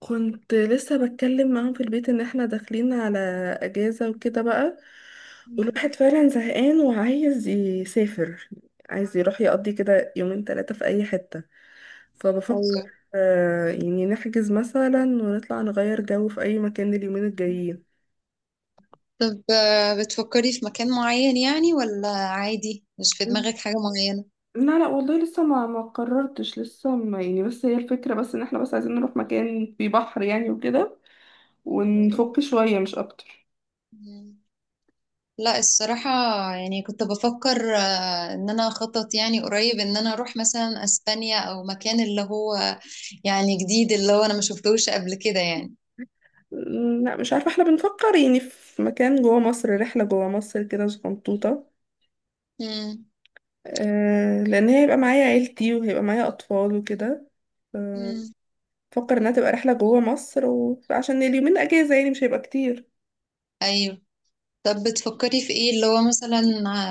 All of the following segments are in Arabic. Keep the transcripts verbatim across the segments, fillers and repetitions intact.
كنت لسه بتكلم معاهم في البيت ان احنا داخلين على اجازة وكده بقى. مم. والواحد فعلا زهقان وعايز يسافر، عايز يروح يقضي كده يومين ثلاثة في اي حتة. فبفكر، ايوه. آه، يعني نحجز مثلا ونطلع نغير جو في اي مكان اليومين الجايين. طب آه، بتفكري في مكان معين، يعني، ولا عادي مش في دماغك حاجة معينة؟ لا لا والله، لسه ما ما قررتش، لسه ما، يعني بس هي الفكرة، بس ان احنا بس عايزين نروح مكان فيه بحر يعني وكده، أيوة. ونفك شوية مش اكتر. مم. لا الصراحة، يعني كنت بفكر آه، ان انا اخطط، يعني، قريب ان انا اروح مثلا اسبانيا او مكان اللي هو يعني جديد، اللي هو انا ما شفتهوش قبل كده يعني. م، لا مش عارفة، احنا بنفكر يعني في مكان جوه مصر، رحلة جوه مصر كده صغنطوطة. مم. آه لأن هي هيبقى معايا عيلتي وهيبقى معايا أطفال وكده. آه، مم. بفكر إنها تبقى رحلة جوه مصر، وعشان اليومين أجازة يعني مش هيبقى كتير. ايوه. طب بتفكري في ايه، اللي هو مثلا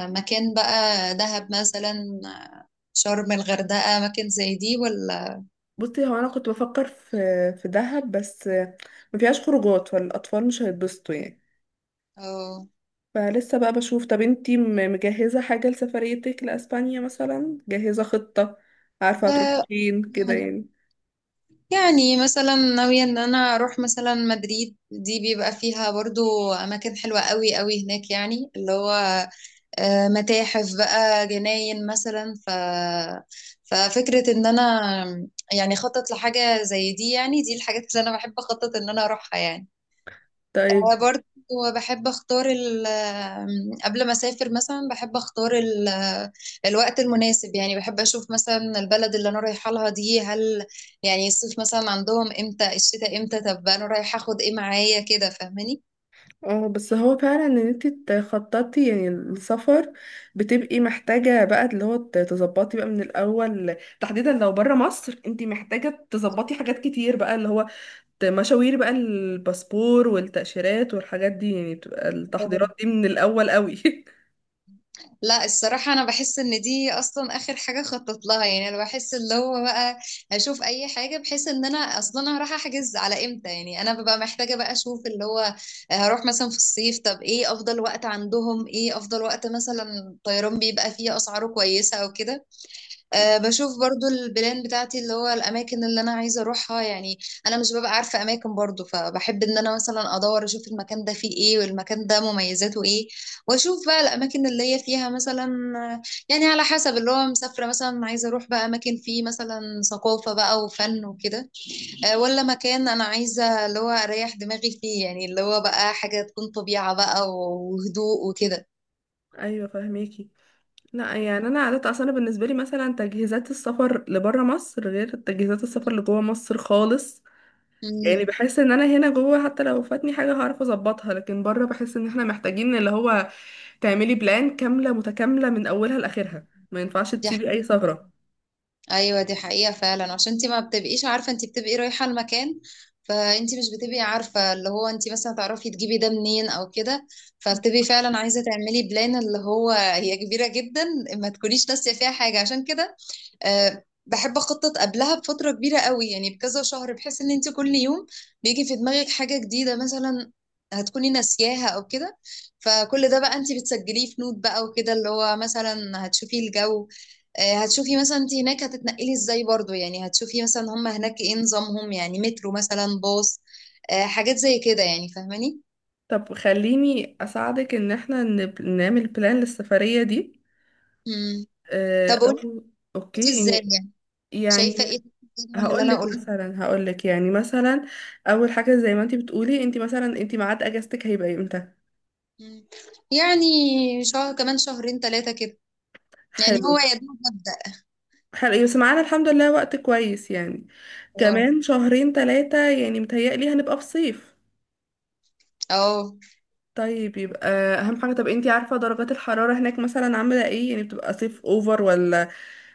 آه، مكان بقى، دهب مثلا، آه، شرم، الغردقة، مكان زي دي ولا؟ بصي، هو أنا كنت بفكر في في دهب، بس ما فيهاش خروجات فالأطفال مش هيتبسطوا يعني. اه فلسه بقى بشوف. طب انتي م- مجهزة حاجة لسفريتك لأسبانيا مثلا؟ جاهزة خطة، عارفة هتروحي آه، فين كده يعني يعني؟ يعني مثلا ناوية ان انا اروح مثلا مدريد، دي بيبقى فيها برضو اماكن حلوة قوي قوي هناك، يعني اللي هو آه، متاحف بقى، جناين مثلا. ف ففكرة ان انا يعني خطط لحاجة زي دي، يعني دي الحاجات اللي انا بحب اخطط ان انا اروحها يعني. طيب. آه، برضو بحب اختار ال- آم، قبل ما اسافر مثلا بحب اختار ال- آه، الوقت المناسب، يعني بحب اشوف مثلا البلد اللي انا رايحه لها دي، هل يعني الصيف مثلا عندهم امتى، الشتاء امتى، طب انا رايحه اخد ايه معايا كده، اه، بس هو فعلا ان انت تخططي يعني السفر، بتبقي محتاجة بقى اللي هو ت- تظبطي بقى من الاول، تحديدا لو برا مصر انت محتاجة فاهماني؟ تظبطي حاجات كتير بقى اللي هو، ت- مشاوير بقى، الباسبور والتأشيرات والحاجات دي يعني، بتبقى التحضيرات دي من الاول قوي. لا الصراحة أنا بحس إن دي أصلا آخر حاجة خطط لها، يعني أنا بحس اللي هو بقى هشوف أي حاجة، بحيث إن أنا أصلا هروح أحجز على إمتى، يعني أنا ببقى محتاجة بقى أشوف اللي هو هروح مثلا في الصيف، طب إيه أفضل وقت عندهم، إيه أفضل وقت مثلا الطيران بيبقى فيه أسعاره كويسة، أو كده. مم. أه بشوف برضو البلان بتاعتي، اللي هو الأماكن اللي أنا عايزة أروحها يعني. أنا مش ببقى عارفة أماكن برضو، فبحب إن أنا مثلا أدور أشوف المكان ده فيه إيه، والمكان ده مميزاته إيه، وأشوف بقى الأماكن اللي هي فيها مثلا آه، يعني على حسب اللي هو مسافرة، مثلا عايزة أروح بقى أماكن فيه مثلا ثقافة بقى وفن وكده. أه، ولا مكان أنا عايزة اللي هو أريح دماغي فيه، يعني اللي هو بقى حاجة تكون طبيعة بقى وهدوء وكده. ايوه فهميكي. لا يعني انا عادة اصلا بالنسبة لي مثلا تجهيزات السفر لبرا مصر غير تجهيزات السفر لجوه مصر خالص. يعني مم. بحس ان انا هنا جوه حتى لو فاتني حاجة هعرف اظبطها، لكن بره بحس ان احنا محتاجين اللي هو تعملي بلان كاملة متكاملة من اولها لاخرها، ما ينفعش دي تسيبي اي حاجة. ثغرة. ايوه دي حقيقة فعلا، عشان انت ما بتبقيش عارفة انت بتبقي رايحة المكان، فانت مش بتبقي عارفة اللي هو انت مثلا تعرفي تجيبي ده منين او كده، فبتبقي فعلا عايزة تعملي بلان اللي هو هي كبيرة جدا، ما تكونيش ناسية فيها حاجة. عشان كده أه بحب اخطط قبلها بفتره كبيره قوي، يعني بكذا شهر، بحيث ان انت كل يوم بيجي في دماغك حاجه جديده مثلا هتكوني ناسياها او كده، فكل ده بقى انت بتسجليه في نوت بقى وكده، اللي هو مثلا هتشوفي الجو. أه هتشوفي مثلا انت هناك هتتنقلي ازاي، برضو يعني هتشوفي مثلا هم هناك ايه نظامهم، يعني مترو مثلا، باص. أه حاجات زي كده، يعني فاهماني؟ طب خليني اساعدك ان احنا نب- نعمل بلان للسفرية دي. مم. آه، طب قولي او انت اوكي. ازاي يعني، يعني شايفه ايه من اللي هقول انا لك قلته. مثلا، هقول لك يعني مثلا اول حاجة زي ما انت بتقولي، انت مثلا انت ميعاد اجازتك هيبقى امتى؟ مم. يعني شهر، كمان شهرين ثلاثه كده، يعني حلو. هو يا دوب مبدأ. حلقة بس معانا الحمد لله وقت كويس يعني، اه. كمان شهرين ثلاثة يعني متهيألي هنبقى في صيف. اه. طيب يبقى أهم حاجة، طب انتي عارفة درجات الحرارة هناك مثلا عاملة ايه؟ يعني بتبقى صيف اوفر، ولا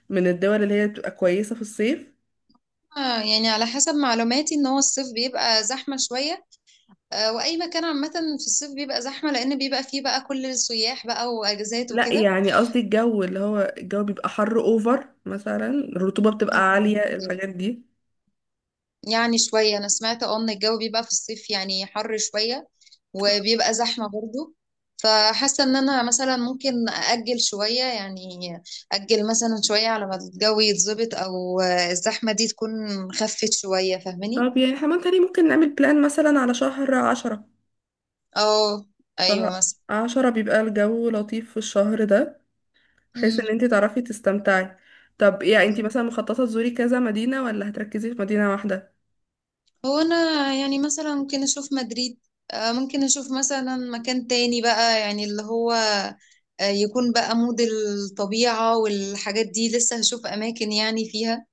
من الدول اللي هي بتبقى كويسة في الصيف؟ آه، يعني على حسب معلوماتي ان هو الصيف بيبقى زحمة شوية، آه، واي مكان عامة في الصيف بيبقى زحمة، لان بيبقى فيه بقى كل السياح بقى واجازات لا وكده. يعني قصدي الجو، اللي هو الجو بيبقى حر اوفر مثلا، الرطوبة بتبقى عالية، الحاجات دي. يعني شوية، انا سمعت اه ان الجو بيبقى في الصيف يعني حر شوية، وبيبقى زحمة برضو، فحاسة ان انا مثلا ممكن اجل شوية يعني، اجل مثلا شوية على ما الجو يتظبط او آه، الزحمة دي تكون خفت شوية. فاهماني؟ طب يعني احنا ممكن، ممكن نعمل بلان مثلا على شهر عشرة. اه. ايوه شهر مثلا. عشرة بيبقى الجو لطيف في الشهر ده، بحيث مم. ان انت تعرفي تستمتعي. طب يعني انت أيوة. مثلا مخططة تزوري كذا مدينة ولا هتركزي في مدينة واحدة؟ هو انا يعني مثلا ممكن اشوف مدريد، آه، ممكن اشوف مثلا مكان تاني بقى، يعني اللي هو آه، يكون بقى مود الطبيعة والحاجات دي، لسه هشوف اماكن يعني فيها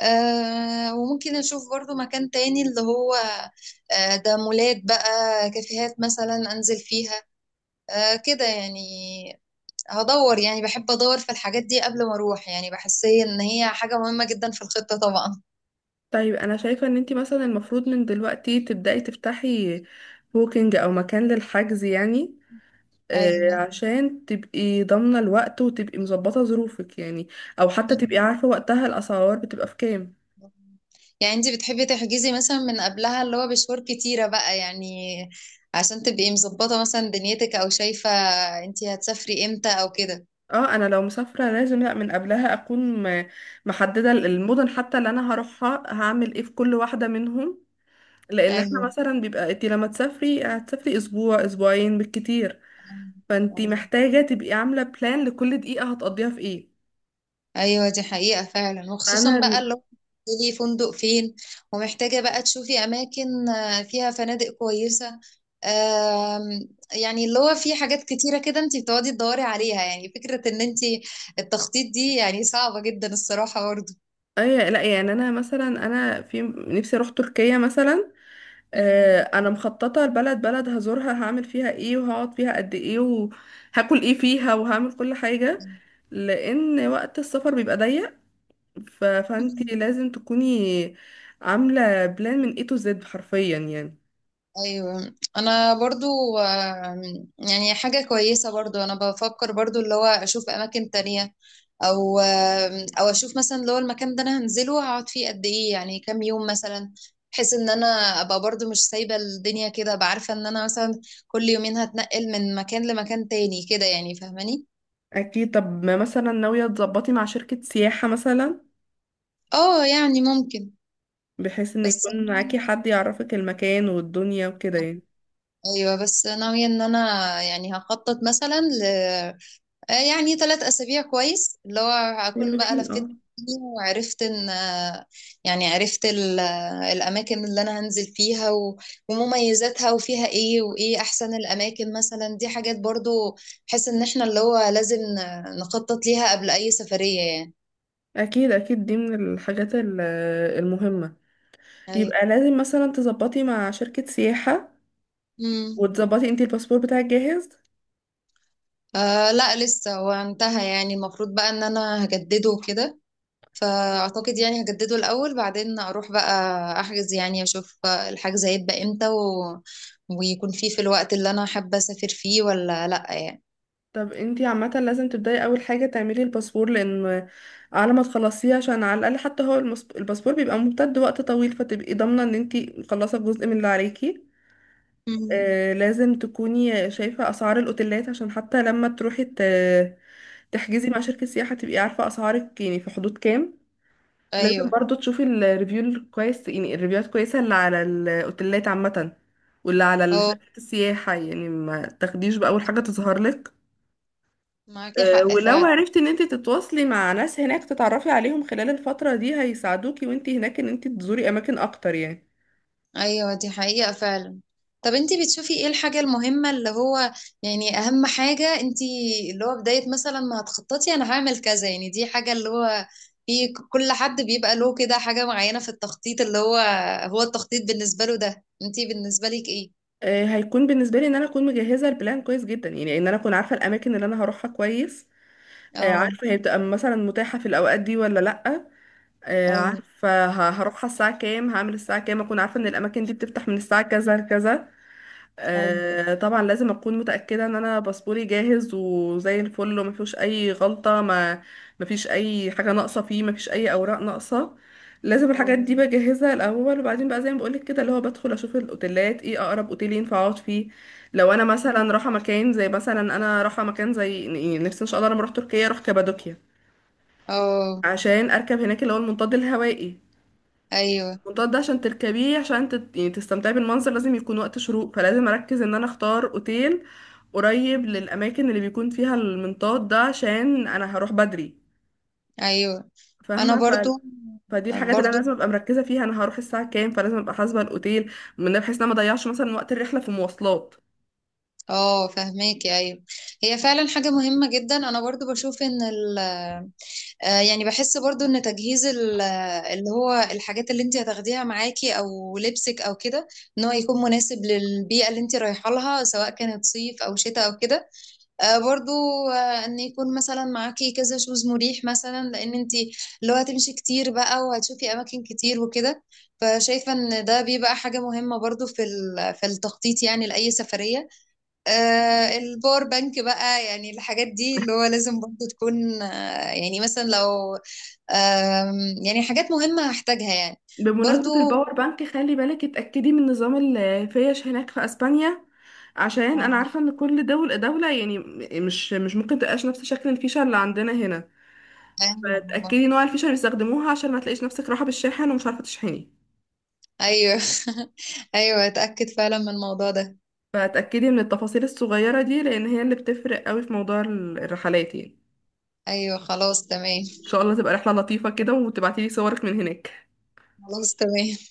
آه، وممكن اشوف برضو مكان تاني اللي هو آه، ده مولات بقى، كافيهات مثلا انزل فيها، آه، كده يعني. هدور، يعني بحب ادور في الحاجات دي قبل ما اروح، يعني بحس ان هي حاجة مهمة جدا في الخطة طبعا. طيب انا شايفة ان انت مثلا المفروض من دلوقتي تبدأي تفتحي بوكينج او مكان للحجز يعني. آه، ايوه. عشان تبقي ضامنة الوقت وتبقي مظبطة ظروفك يعني، او حتى تبقي مم. عارفة وقتها الاسعار بتبقى في كام. يعني انت بتحبي تحجزي مثلا من قبلها اللي هو بشهور كتيرة بقى، يعني عشان تبقي مظبطة مثلا دنيتك، او شايفة انت هتسافري امتى او كده. اه، انا لو مسافرة لازم، لا من قبلها اكون م- محددة المدن حتى، اللي انا هروحها هعمل ايه في كل واحدة منهم. لان احنا ايوه. مثلا بيبقى انت لما تسافري هتسافري اسبوع اسبوعين بالكتير، فانت ايوه. محتاجه تبقي عامله بلان لكل دقيقه هتقضيها في ايه. ايوه دي حقيقة فعلا، انا وخصوصا بقى ال- اللي هو بتنزلي فندق فين، ومحتاجة بقى تشوفي اماكن آه، فيها فنادق كويسة. آم، يعني اللي هو في حاجات كتيرة كده انت بتقعدي تدوري عليها، يعني فكرة ان انت التخطيط دي يعني صعبة جدا الصراحة برضه. اي، لا يعني انا مثلا انا في نفسي اروح تركيا مثلا. آه، انا مخططه البلد بلد هزورها هعمل فيها ايه وهقعد فيها قد ايه وهاكل ايه فيها وهعمل كل حاجه، لان وقت السفر بيبقى ضيق. ف... فانت لازم تكوني عامله بلان من ايه تو زد حرفيا يعني. ايوه انا برضو آم، يعني حاجه كويسه، برضو انا بفكر برضو اللي هو اشوف اماكن تانية، او آم، او اشوف مثلا اللي هو المكان ده انا هنزله هقعد فيه قد ايه، يعني كام يوم مثلا، بحيث ان انا ابقى برضو مش سايبه الدنيا كده، ابقى عارفه ان انا مثلا كل يومين هتنقل من مكان لمكان تاني كده، يعني فاهماني؟ اكيد. طب ما مثلا ناوية تظبطي مع شركة سياحة مثلا، اه يعني ممكن. بحيث ان بس يكون معاكي أنا- حد يعرفك المكان والدنيا وكده يعني. ايوه بس ناويه ان انا يعني هخطط مثلا آه، يعني ثلاث أسابيع كويس، اللي هو هكون بقى حلوين اه. لفيت الدنيا وعرفت إن آه، يعني عرفت ال- آه، الأماكن اللي أنا هنزل فيها و- ومميزاتها وفيها إيه وإيه أحسن الأماكن مثلا، دي حاجات برضو بحيث إن إحنا اللي هو لازم ن- نخطط ليها قبل أي سفرية يعني. اكيد اكيد دي من الحاجات ال- المهمة. أيوة. يبقى لازم مثلا تظبطي مع شركة سياحة، مم. وتظبطي انتي الباسبور بتاعك جاهز. آه لا لسه هو انتهى، يعني المفروض بقى إن أنا هجدده كده، فاعتقد يعني هجدده الاول، بعدين اروح بقى احجز، يعني اشوف الحجز هيبقى امتى و... ويكون فيه في الوقت اللي انا حابه اسافر فيه ولا لا يعني. طب انتي عامة لازم تبدأي اول حاجة تعملي الباسبور، لان على ما تخلصيه، عشان على الاقل حتى هو المس- الباسبور بيبقى ممتد وقت طويل، فتبقي ضامنة ان انتي مخلصة جزء من اللي عليكي. مم. آه، لازم تكوني شايفة أسعار الأوتيلات، عشان حتى لما تروحي ت- تحجزي مع شركة سياحة تبقي عارفة أسعارك يعني في حدود كام. لازم ايوه. برضو تشوفي الريفيو الكويس، يعني الريفيوهات كويسة اللي على الأوتيلات عامة، واللي على اه شركة السياحة يعني ما تاخديش بأول حاجة تظهر لك. معاكي آه، حق ولو فعلا. عرفتي ان انت تتواصلي مع ناس هناك، تتعرفي عليهم خلال الفترة دي، هيساعدوكي وانت هناك ان انت تزوري اماكن اكتر يعني. ايوه دي حقيقة فعلا. طب انتي بتشوفي ايه الحاجة المهمة، اللي هو يعني اهم حاجة انتي، اللي هو بداية مثلا ما هتخططي انا هعمل كذا، يعني دي حاجة اللي هو في ك- كل حد بيبقى له كده حاجة معينة في التخطيط، اللي هو هو التخطيط بالنسبة له ده، انتي بالنسبة لك ايه؟ آه، هيكون بالنسبه لي ان انا اكون مجهزه البلان كويس جدا، يعني ان انا اكون عارفه الاماكن اللي انا هروحها كويس. آه، اه. عارفه هي بتبقى مثلا متاحه في الاوقات دي ولا لا. آه، ايوه. عارفه ه- هروحها الساعه كام، هعمل الساعه كام، اكون عارفه ان الاماكن دي بتفتح من الساعه كذا لكذا. ايوه. آه، طبعا لازم اكون متاكده ان انا باسبوري جاهز وزي الفل وما فيهوش اي غلطه، ما ما فيش اي حاجه ناقصه فيه، ما فيش اي اوراق ناقصه. لازم الحاجات اه. دي بجهزها الاول، وبعدين بقى زي ما بقولك كده اللي هو بدخل اشوف الاوتيلات ايه، اقرب اوتيل ينفع اقعد فيه. لو انا مثلا رايحه مكان زي، مثلا انا رايحه مكان زي، يعني نفسي ان شاء الله لما اروح تركيا اروح كابادوكيا، اه. عشان اركب هناك اللي هو المنطاد الهوائي. ايوه. المنطاد ده عشان تركبيه عشان تت... يعني تستمتعي بالمنظر، لازم يكون وقت شروق، فلازم اركز ان انا اختار اوتيل قريب للاماكن اللي بيكون فيها المنطاد ده عشان انا هروح بدري. ايوه انا فاهمه. برضو. ف... فدي الحاجات اللي انا برضو. لازم ابقى مركزه فيها، انا هروح الساعه كام، فلازم ابقى حاسبه الاوتيل من ده بحيث ان انا ما اضيعش مثلا وقت الرحله في مواصلات. اه فهماكي. ايوه هي فعلا حاجه مهمه جدا، انا برضو بشوف ان ال آه، يعني بحس برضو ان تجهيز ال- آه، اللي هو الحاجات اللي انت هتاخديها معاكي او لبسك او كده، ان هو يكون مناسب للبيئه اللي انت رايحه لها، سواء كانت صيف او شتاء او كده. آه، برضو آه، ان يكون مثلا معاكي كذا شوز مريح مثلا، لان انت اللي هو هتمشي كتير بقى وهتشوفي اماكن كتير وكده، فشايفه ان ده بيبقى حاجه مهمه برضو في ال- في التخطيط، يعني لاي سفريه. آه الباور بانك بقى، يعني الحاجات دي اللي هو لازم برضو تكون آه، يعني مثلا لو آم، يعني حاجات مهمة هحتاجها يعني. برضو. بمناسبة الباور بانك، خلي بالك اتأكدي من نظام الفيش هناك في اسبانيا، عشان انا آه، عارفة ان كل دولة دولة، يعني م- مش مش ممكن تبقاش نفس شكل الفيشة اللي عندنا هنا. ايوه. آه، فتأكدي نوع الفيشة اللي بيستخدموها عشان ما تلاقيش نفسك راحة بالشاحن ومش عارفة تشحني. ايوه. ايوه اتأكد فعلا من الموضوع ده. فتأكدي من التفاصيل الصغيرة دي لأن هي اللي بتفرق قوي في موضوع ال- الرحلات يعني. ايوه خلاص إن تمام. شاء الله تبقى رحلة لطيفة كده وتبعتيلي صورك من هناك. خلاص تمام.